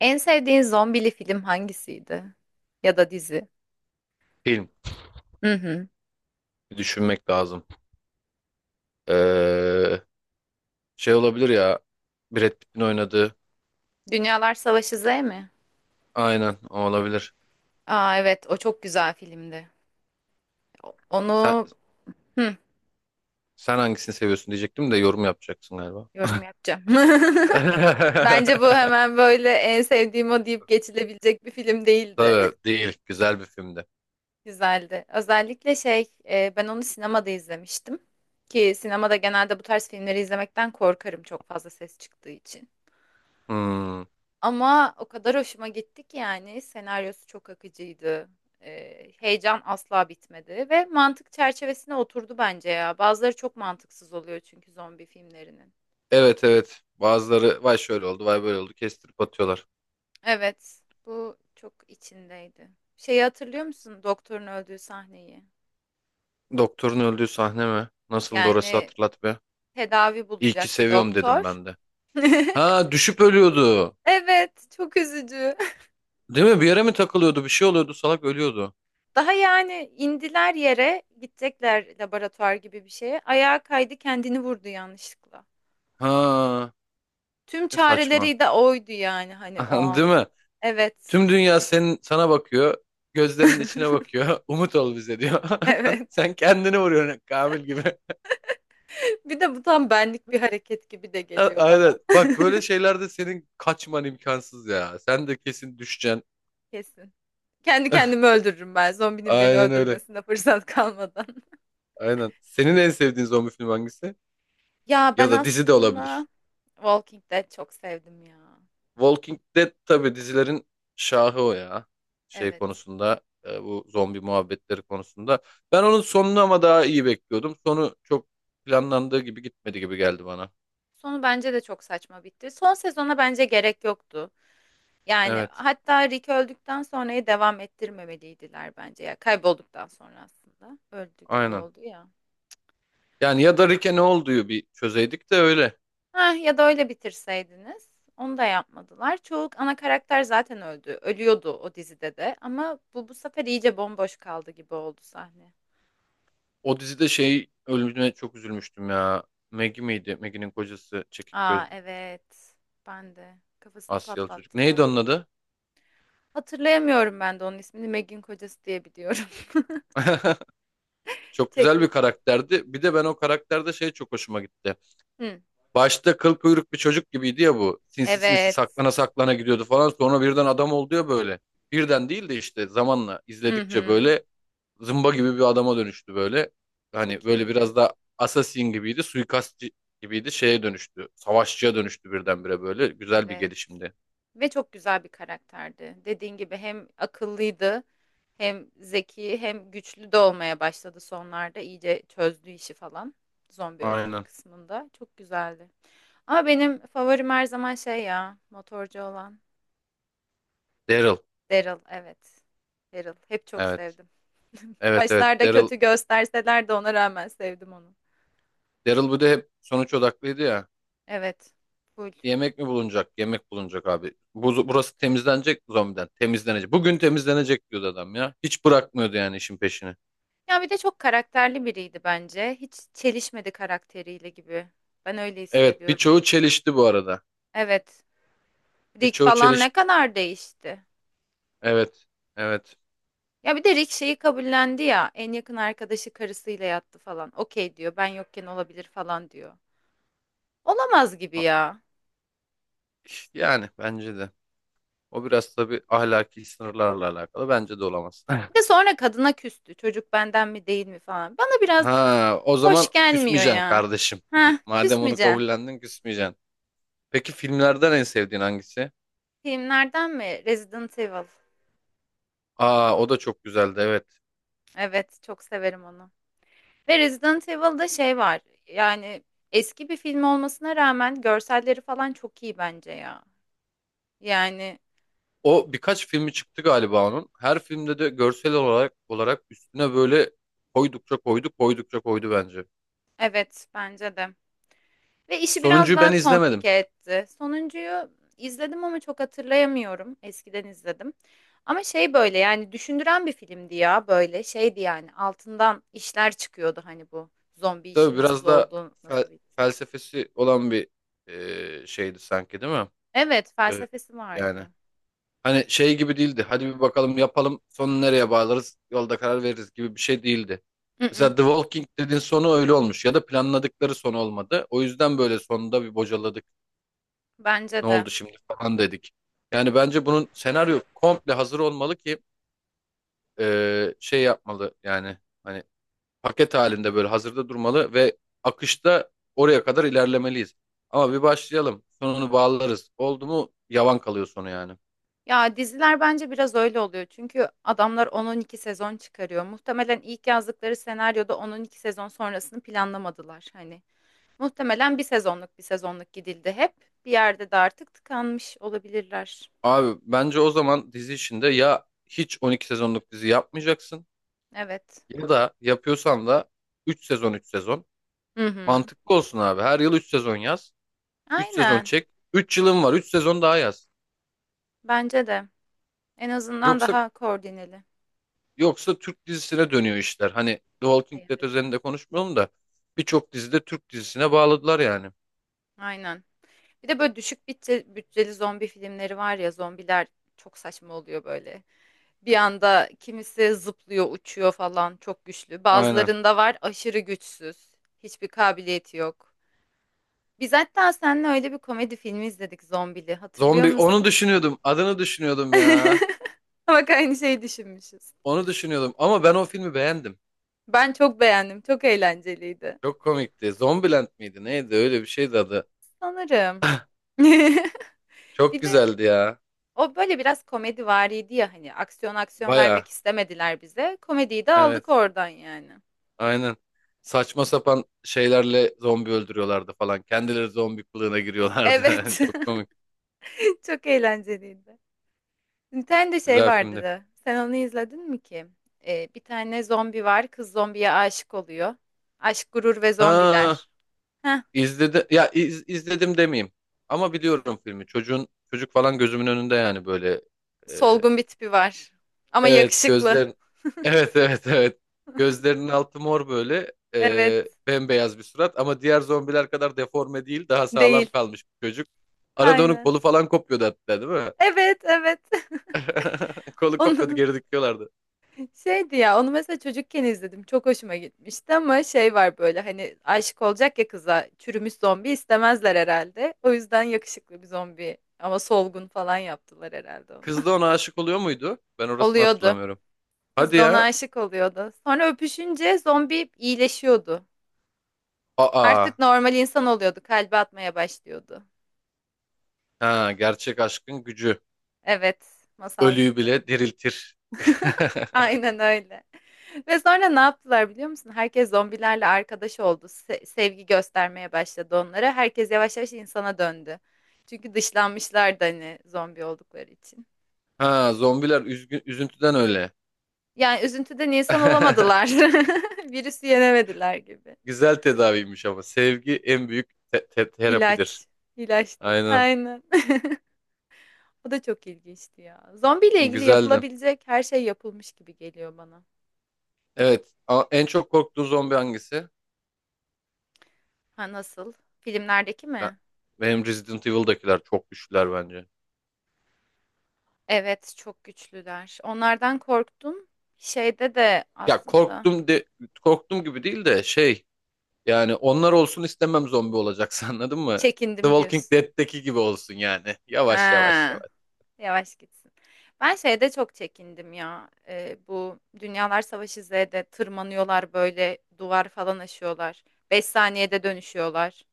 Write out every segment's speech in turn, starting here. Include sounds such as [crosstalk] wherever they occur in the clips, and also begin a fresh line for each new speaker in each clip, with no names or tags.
En sevdiğin zombili film hangisiydi? Ya da dizi?
Film.
Hı hı.
Bir düşünmek lazım. Ee, şey olabilir ya. Brad Pitt'in oynadığı.
Dünyalar Savaşı Z mi?
Aynen o olabilir.
Aa evet o çok güzel filmdi.
Sen,
Onu, hı,
sen hangisini seviyorsun diyecektim de yorum yapacaksın galiba.
yorum yapacağım. [laughs] Bence
[laughs]
bu hemen böyle en sevdiğim o deyip geçilebilecek bir film değildi. [laughs]
Tabii değil. Güzel bir filmdi.
Güzeldi. Özellikle şey, ben onu sinemada izlemiştim. Ki sinemada genelde bu tarz filmleri izlemekten korkarım çok fazla ses çıktığı için.
Hmm.
Ama o kadar hoşuma gitti ki yani senaryosu çok akıcıydı. Heyecan asla bitmedi ve mantık çerçevesine oturdu bence ya. Bazıları çok mantıksız oluyor çünkü zombi filmlerinin.
Evet evet. Bazıları vay şöyle oldu vay böyle oldu kestirip atıyorlar.
Evet, bu çok içindeydi. Şeyi hatırlıyor musun? Doktorun öldüğü sahneyi.
Doktorun öldüğü sahne mi? Nasıldı orası,
Yani
hatırlat be.
tedavi
İyi ki
bulacak bir
seviyorum dedim
doktor.
ben de.
[laughs]
Ha, düşüp ölüyordu.
Evet, çok üzücü.
Değil mi? Bir yere mi takılıyordu? Bir şey oluyordu. Salak ölüyordu.
Daha yani indiler yere, gidecekler laboratuvar gibi bir şeye. Ayağa kaydı, kendini vurdu yanlışlıkla.
Ha,
Tüm
ne saçma.
çareleri de oydu yani hani
[laughs]
o
Değil
an.
mi?
Evet. [laughs]
Tüm dünya senin, sana bakıyor. Gözlerinin içine bakıyor. [laughs] Umut ol bize diyor.
Evet.
[laughs] Sen kendini vuruyorsun Kamil gibi. [laughs]
Bir de bu tam benlik bir hareket gibi de
A-
geliyor bana.
Aynen. Bak, böyle şeylerde senin kaçman imkansız ya. Sen de kesin düşeceksin.
[laughs] Kesin. Kendi kendimi öldürürüm ben. Zombinin beni
Aynen öyle.
öldürmesine fırsat kalmadan. [laughs]
Aynen. Senin en sevdiğin zombi filmi hangisi?
Ya ben
Ya da dizi de
aslında
olabilir.
Walking Dead çok sevdim ya.
Walking Dead tabii dizilerin şahı o ya. Şey
Evet.
konusunda, bu zombi muhabbetleri konusunda. Ben onun sonunu ama daha iyi bekliyordum. Sonu çok planlandığı gibi gitmedi gibi geldi bana.
Sonu bence de çok saçma bitti. Son sezona bence gerek yoktu. Yani
Evet,
hatta Rick öldükten sonrayı devam ettirmemeliydiler bence ya. Kaybolduktan sonra aslında. Öldü gibi
aynen.
oldu ya.
Yani ya da Rick'e ne olduğu bir çözeydik de öyle.
Heh, ya da öyle bitirseydiniz. Onu da yapmadılar. Çoğu ana karakter zaten öldü. Ölüyordu o dizide de. Ama bu sefer iyice bomboş kaldı gibi oldu sahne.
O dizide şey ölümüne çok üzülmüştüm ya. Maggie miydi? Maggie'nin kocası, çekik
Aa
gözlü
evet. Ben de. Kafasını
Asyalı çocuk. Neydi onun
patlattılar.
adı?
Hatırlayamıyorum ben de onun ismini. Meg'in kocası diye biliyorum. [laughs]
[laughs] Çok güzel bir
Çekik.
karakterdi. Bir de ben o karakterde şey çok hoşuma gitti.
Hı.
Başta kıl kuyruk bir çocuk gibiydi ya bu. Sinsi sinsi
Evet.
saklana saklana gidiyordu falan. Sonra birden adam oldu ya böyle. Birden değil de işte zamanla
Hı
izledikçe
hı.
böyle zımba gibi bir adama dönüştü böyle. Hani
Çok
böyle
iyiydi.
biraz da assassin gibiydi, suikastçı gibiydi, şeye dönüştü. Savaşçıya dönüştü birdenbire böyle. Güzel bir
Evet.
gelişimdi.
Ve çok güzel bir karakterdi. Dediğin gibi hem akıllıydı, hem zeki, hem güçlü de olmaya başladı sonlarda. İyice çözdü işi falan. Zombi öldürme
Aynen.
kısmında. Çok güzeldi. Ama benim favorim her zaman şey ya, motorcu olan
Daryl.
Daryl. Evet. Daryl. Hep çok
Evet.
sevdim.
Evet evet.
Başlarda
Daryl.
kötü gösterseler de ona rağmen sevdim onu.
Daryl bu da hep sonuç odaklıydı ya.
Evet. Full.
Yemek mi bulunacak? Yemek bulunacak abi. Bu, burası temizlenecek mi zombiden? Temizlenecek. Bugün temizlenecek diyordu adam ya. Hiç bırakmıyordu yani işin peşini.
Ya bir de çok karakterli biriydi bence. Hiç çelişmedi karakteriyle gibi. Ben öyle
Evet,
hissediyorum.
birçoğu çelişti bu arada.
Evet. Rick
Birçoğu
falan ne
çelişti.
kadar değişti.
Evet. Evet.
Ya bir de Rick şeyi kabullendi ya. En yakın arkadaşı karısıyla yattı falan. Okey diyor. Ben yokken olabilir falan diyor. Olamaz gibi ya.
Yani bence de. O biraz tabii ahlaki sınırlarla alakalı. Bence de olamaz. [laughs]
Bir de sonra kadına küstü. Çocuk benden mi değil mi falan. Bana biraz
Ha, o
hoş
zaman
gelmiyor
küsmeyeceksin
ya.
kardeşim. [laughs]
Heh,
Madem onu
küsmeyeceksin.
kabullendin, küsmeyeceksin. Peki, filmlerden en sevdiğin hangisi?
Filmlerden mi? Resident Evil.
Aa, o da çok güzeldi, evet.
Evet, çok severim onu. Ve Resident Evil'da şey var. Yani eski bir film olmasına rağmen görselleri falan çok iyi bence ya. Yani
O birkaç filmi çıktı galiba onun. Her filmde de görsel olarak üstüne böyle koydukça koydu, koydukça koydu bence.
evet bence de. Ve işi biraz
Sonuncuyu
daha
ben izlemedim.
komplike etti. Sonuncuyu izledim ama çok hatırlayamıyorum. Eskiden izledim. Ama şey böyle yani düşündüren bir filmdi ya böyle şeydi yani altından işler çıkıyordu hani bu zombi işi
Tabii
nasıl
biraz da
oldu nasıl bitti.
felsefesi olan bir şeydi sanki, değil mi?
Evet
Evet,
felsefesi
yani.
vardı.
Hani şey gibi değildi. Hadi bir bakalım yapalım, sonu nereye bağlarız yolda karar veririz gibi bir şey değildi.
Mm-mm,
Mesela The Walking Dead'in sonu öyle olmuş, ya da planladıkları son olmadı. O yüzden böyle sonunda bir bocaladık.
bence
Ne
de.
oldu şimdi falan dedik. Yani bence bunun senaryo komple hazır olmalı ki şey yapmalı, yani hani paket halinde böyle hazırda durmalı ve akışta oraya kadar ilerlemeliyiz. Ama bir başlayalım sonunu bağlarız, oldu mu yavan kalıyor sonu yani.
Ya diziler bence biraz öyle oluyor. Çünkü adamlar 10-12 sezon çıkarıyor. Muhtemelen ilk yazdıkları senaryoda 10-12 sezon sonrasını planlamadılar. Hani muhtemelen bir sezonluk bir sezonluk gidildi hep. Bir yerde de artık tıkanmış olabilirler.
Abi bence o zaman dizi içinde ya hiç 12 sezonluk dizi yapmayacaksın,
Evet.
ya da yapıyorsan da 3 sezon 3 sezon.
Hı hı.
Mantıklı olsun abi. Her yıl 3 sezon yaz. Üç sezon
Aynen.
çek. Üç yılın var. Üç sezon daha yaz.
Bence de. En azından
Yoksa
daha koordineli.
yoksa Türk dizisine dönüyor işler. Hani The Walking Dead
Evet.
özelinde konuşmuyorum da, birçok dizide Türk dizisine bağladılar yani.
Aynen. Bir de böyle düşük bütçe, bütçeli zombi filmleri var ya zombiler çok saçma oluyor böyle. Bir anda kimisi zıplıyor, uçuyor falan çok güçlü.
Aynen.
Bazılarında var aşırı güçsüz. Hiçbir kabiliyeti yok. Biz hatta seninle öyle bir komedi filmi izledik zombili. Hatırlıyor
Zombi, onu
musun?
düşünüyordum. Adını düşünüyordum ya.
[laughs] [laughs] Bak aynı şeyi düşünmüşüz.
Onu düşünüyordum ama ben o filmi beğendim.
Ben çok beğendim. Çok eğlenceliydi.
Çok komikti. Zombieland miydi? Neydi? Öyle bir şeydi adı.
Sanırım.
[laughs]
[laughs]
Çok
Bir de
güzeldi ya.
o böyle biraz komedi komedivariydi ya hani aksiyon aksiyon
Baya.
vermek istemediler bize. Komediyi de
Evet.
aldık oradan yani.
Aynen. Saçma sapan şeylerle zombi öldürüyorlardı falan. Kendileri zombi kılığına giriyorlardı.
Evet.
[laughs] Çok komik.
[laughs] Çok eğlenceliydi. Bir tane de şey
Güzel
vardı
filmdi.
da. Sen onu izledin mi ki? Bir tane zombi var. Kız zombiye aşık oluyor. Aşk, gurur ve
Ha,
zombiler. Heh,
izledi ya, izledim demeyeyim. Ama biliyorum filmi. Çocuğun, çocuk falan gözümün önünde yani böyle. e,
solgun bir tipi var. Ama
evet,
yakışıklı.
gözlerin. [laughs] Evet evet evet. Gözlerinin altı mor böyle.
Evet.
Bembeyaz bir surat ama diğer zombiler kadar deforme değil. Daha sağlam
Değil.
kalmış bir çocuk. Arada onun
Aynen.
kolu falan kopuyordu hatta, değil mi?
Evet, evet. [laughs]
[laughs] Kolu kopuyordu,
Onu
geri dikiyorlardı.
şeydi ya, onu mesela çocukken izledim. Çok hoşuma gitmişti ama şey var böyle hani aşık olacak ya kıza. Çürümüş zombi istemezler herhalde. O yüzden yakışıklı bir zombi ama solgun falan yaptılar herhalde onu.
Kız da ona aşık oluyor muydu? Ben
[laughs]
orasını
Oluyordu.
hatırlamıyorum.
Kız
Hadi
da ona
ya.
aşık oluyordu. Sonra öpüşünce zombi iyileşiyordu.
Aa.
Artık normal insan oluyordu. Kalbi atmaya başlıyordu.
Ha, gerçek aşkın gücü.
Evet, masal
Ölüyü
gibi.
bile diriltir. [laughs]
Aynen öyle. Ve sonra ne yaptılar biliyor musun? Herkes zombilerle arkadaş oldu. Sevgi göstermeye başladı onlara. Herkes yavaş yavaş insana döndü. Çünkü dışlanmışlardı hani zombi oldukları için.
Ha, zombiler üzgün, üzüntüden öyle.
Yani üzüntüden insan olamadılar.
[laughs]
[laughs] Virüsü yenemediler gibi.
Güzel tedaviymiş ama. Sevgi en büyük terapidir.
İlaç. İlaçtır.
Aynen.
Aynen. [laughs] O da çok ilginçti ya. Zombiyle ilgili
Güzeldi.
yapılabilecek her şey yapılmış gibi geliyor bana.
Evet. En çok korktuğun zombi hangisi?
Ha nasıl? Filmlerdeki
Ben-
mi?
benim Resident Evil'dakiler çok güçlüler bence.
Evet, çok güçlüler. Onlardan korktum. Şeyde de
Ya,
aslında
korktum de korktum gibi değil de şey. Yani onlar olsun istemem, zombi olacaksa. [laughs] Anladın mı? The
çekindim
Walking
diyorsun.
Dead'teki gibi olsun yani. Yavaş yavaş
Ha,
yavaş.
yavaş gitsin. Ben şeyde çok çekindim ya. Bu Dünyalar Savaşı Z'de tırmanıyorlar böyle duvar falan aşıyorlar. 5 saniyede dönüşüyorlar.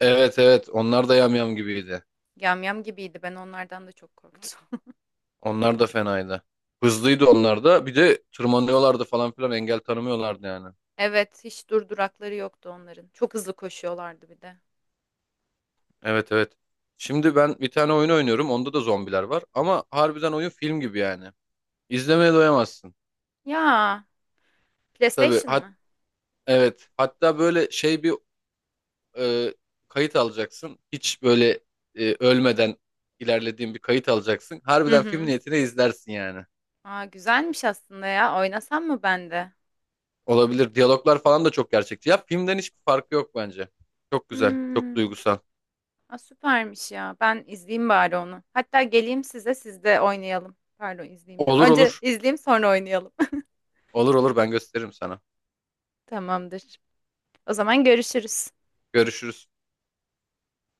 Evet evet, onlar da yamyam gibiydi.
Yamyam gibiydi. Ben onlardan da çok korktum. [laughs]
Onlar da fenaydı. Hızlıydı onlar da. Bir de tırmanıyorlardı falan filan, engel tanımıyorlardı yani.
Evet, hiç durdurakları yoktu onların. Çok hızlı koşuyorlardı bir de.
Evet evet. Şimdi ben bir tane oyun oynuyorum. Onda da zombiler var. Ama harbiden oyun film gibi yani. İzlemeye doyamazsın.
Ya,
Tabii,
PlayStation mı?
evet. Hatta böyle şey bir e, kayıt alacaksın. Hiç böyle ölmeden ilerlediğin bir kayıt alacaksın.
Hı
Harbiden film
hı.
niyetine izlersin yani.
Aa, güzelmiş aslında ya. Oynasam mı ben de?
Olabilir. Diyaloglar falan da çok gerçekçi. Ya filmden hiçbir farkı yok bence. Çok güzel, çok
Hmm.
duygusal.
Aa, süpermiş ya. Ben izleyeyim bari onu. Hatta geleyim size siz de oynayalım. Pardon izleyeyim diyorum.
Olur
Önce
olur.
izleyeyim sonra oynayalım.
Olur olur, ben gösteririm sana.
[laughs] Tamamdır. O zaman görüşürüz.
Görüşürüz.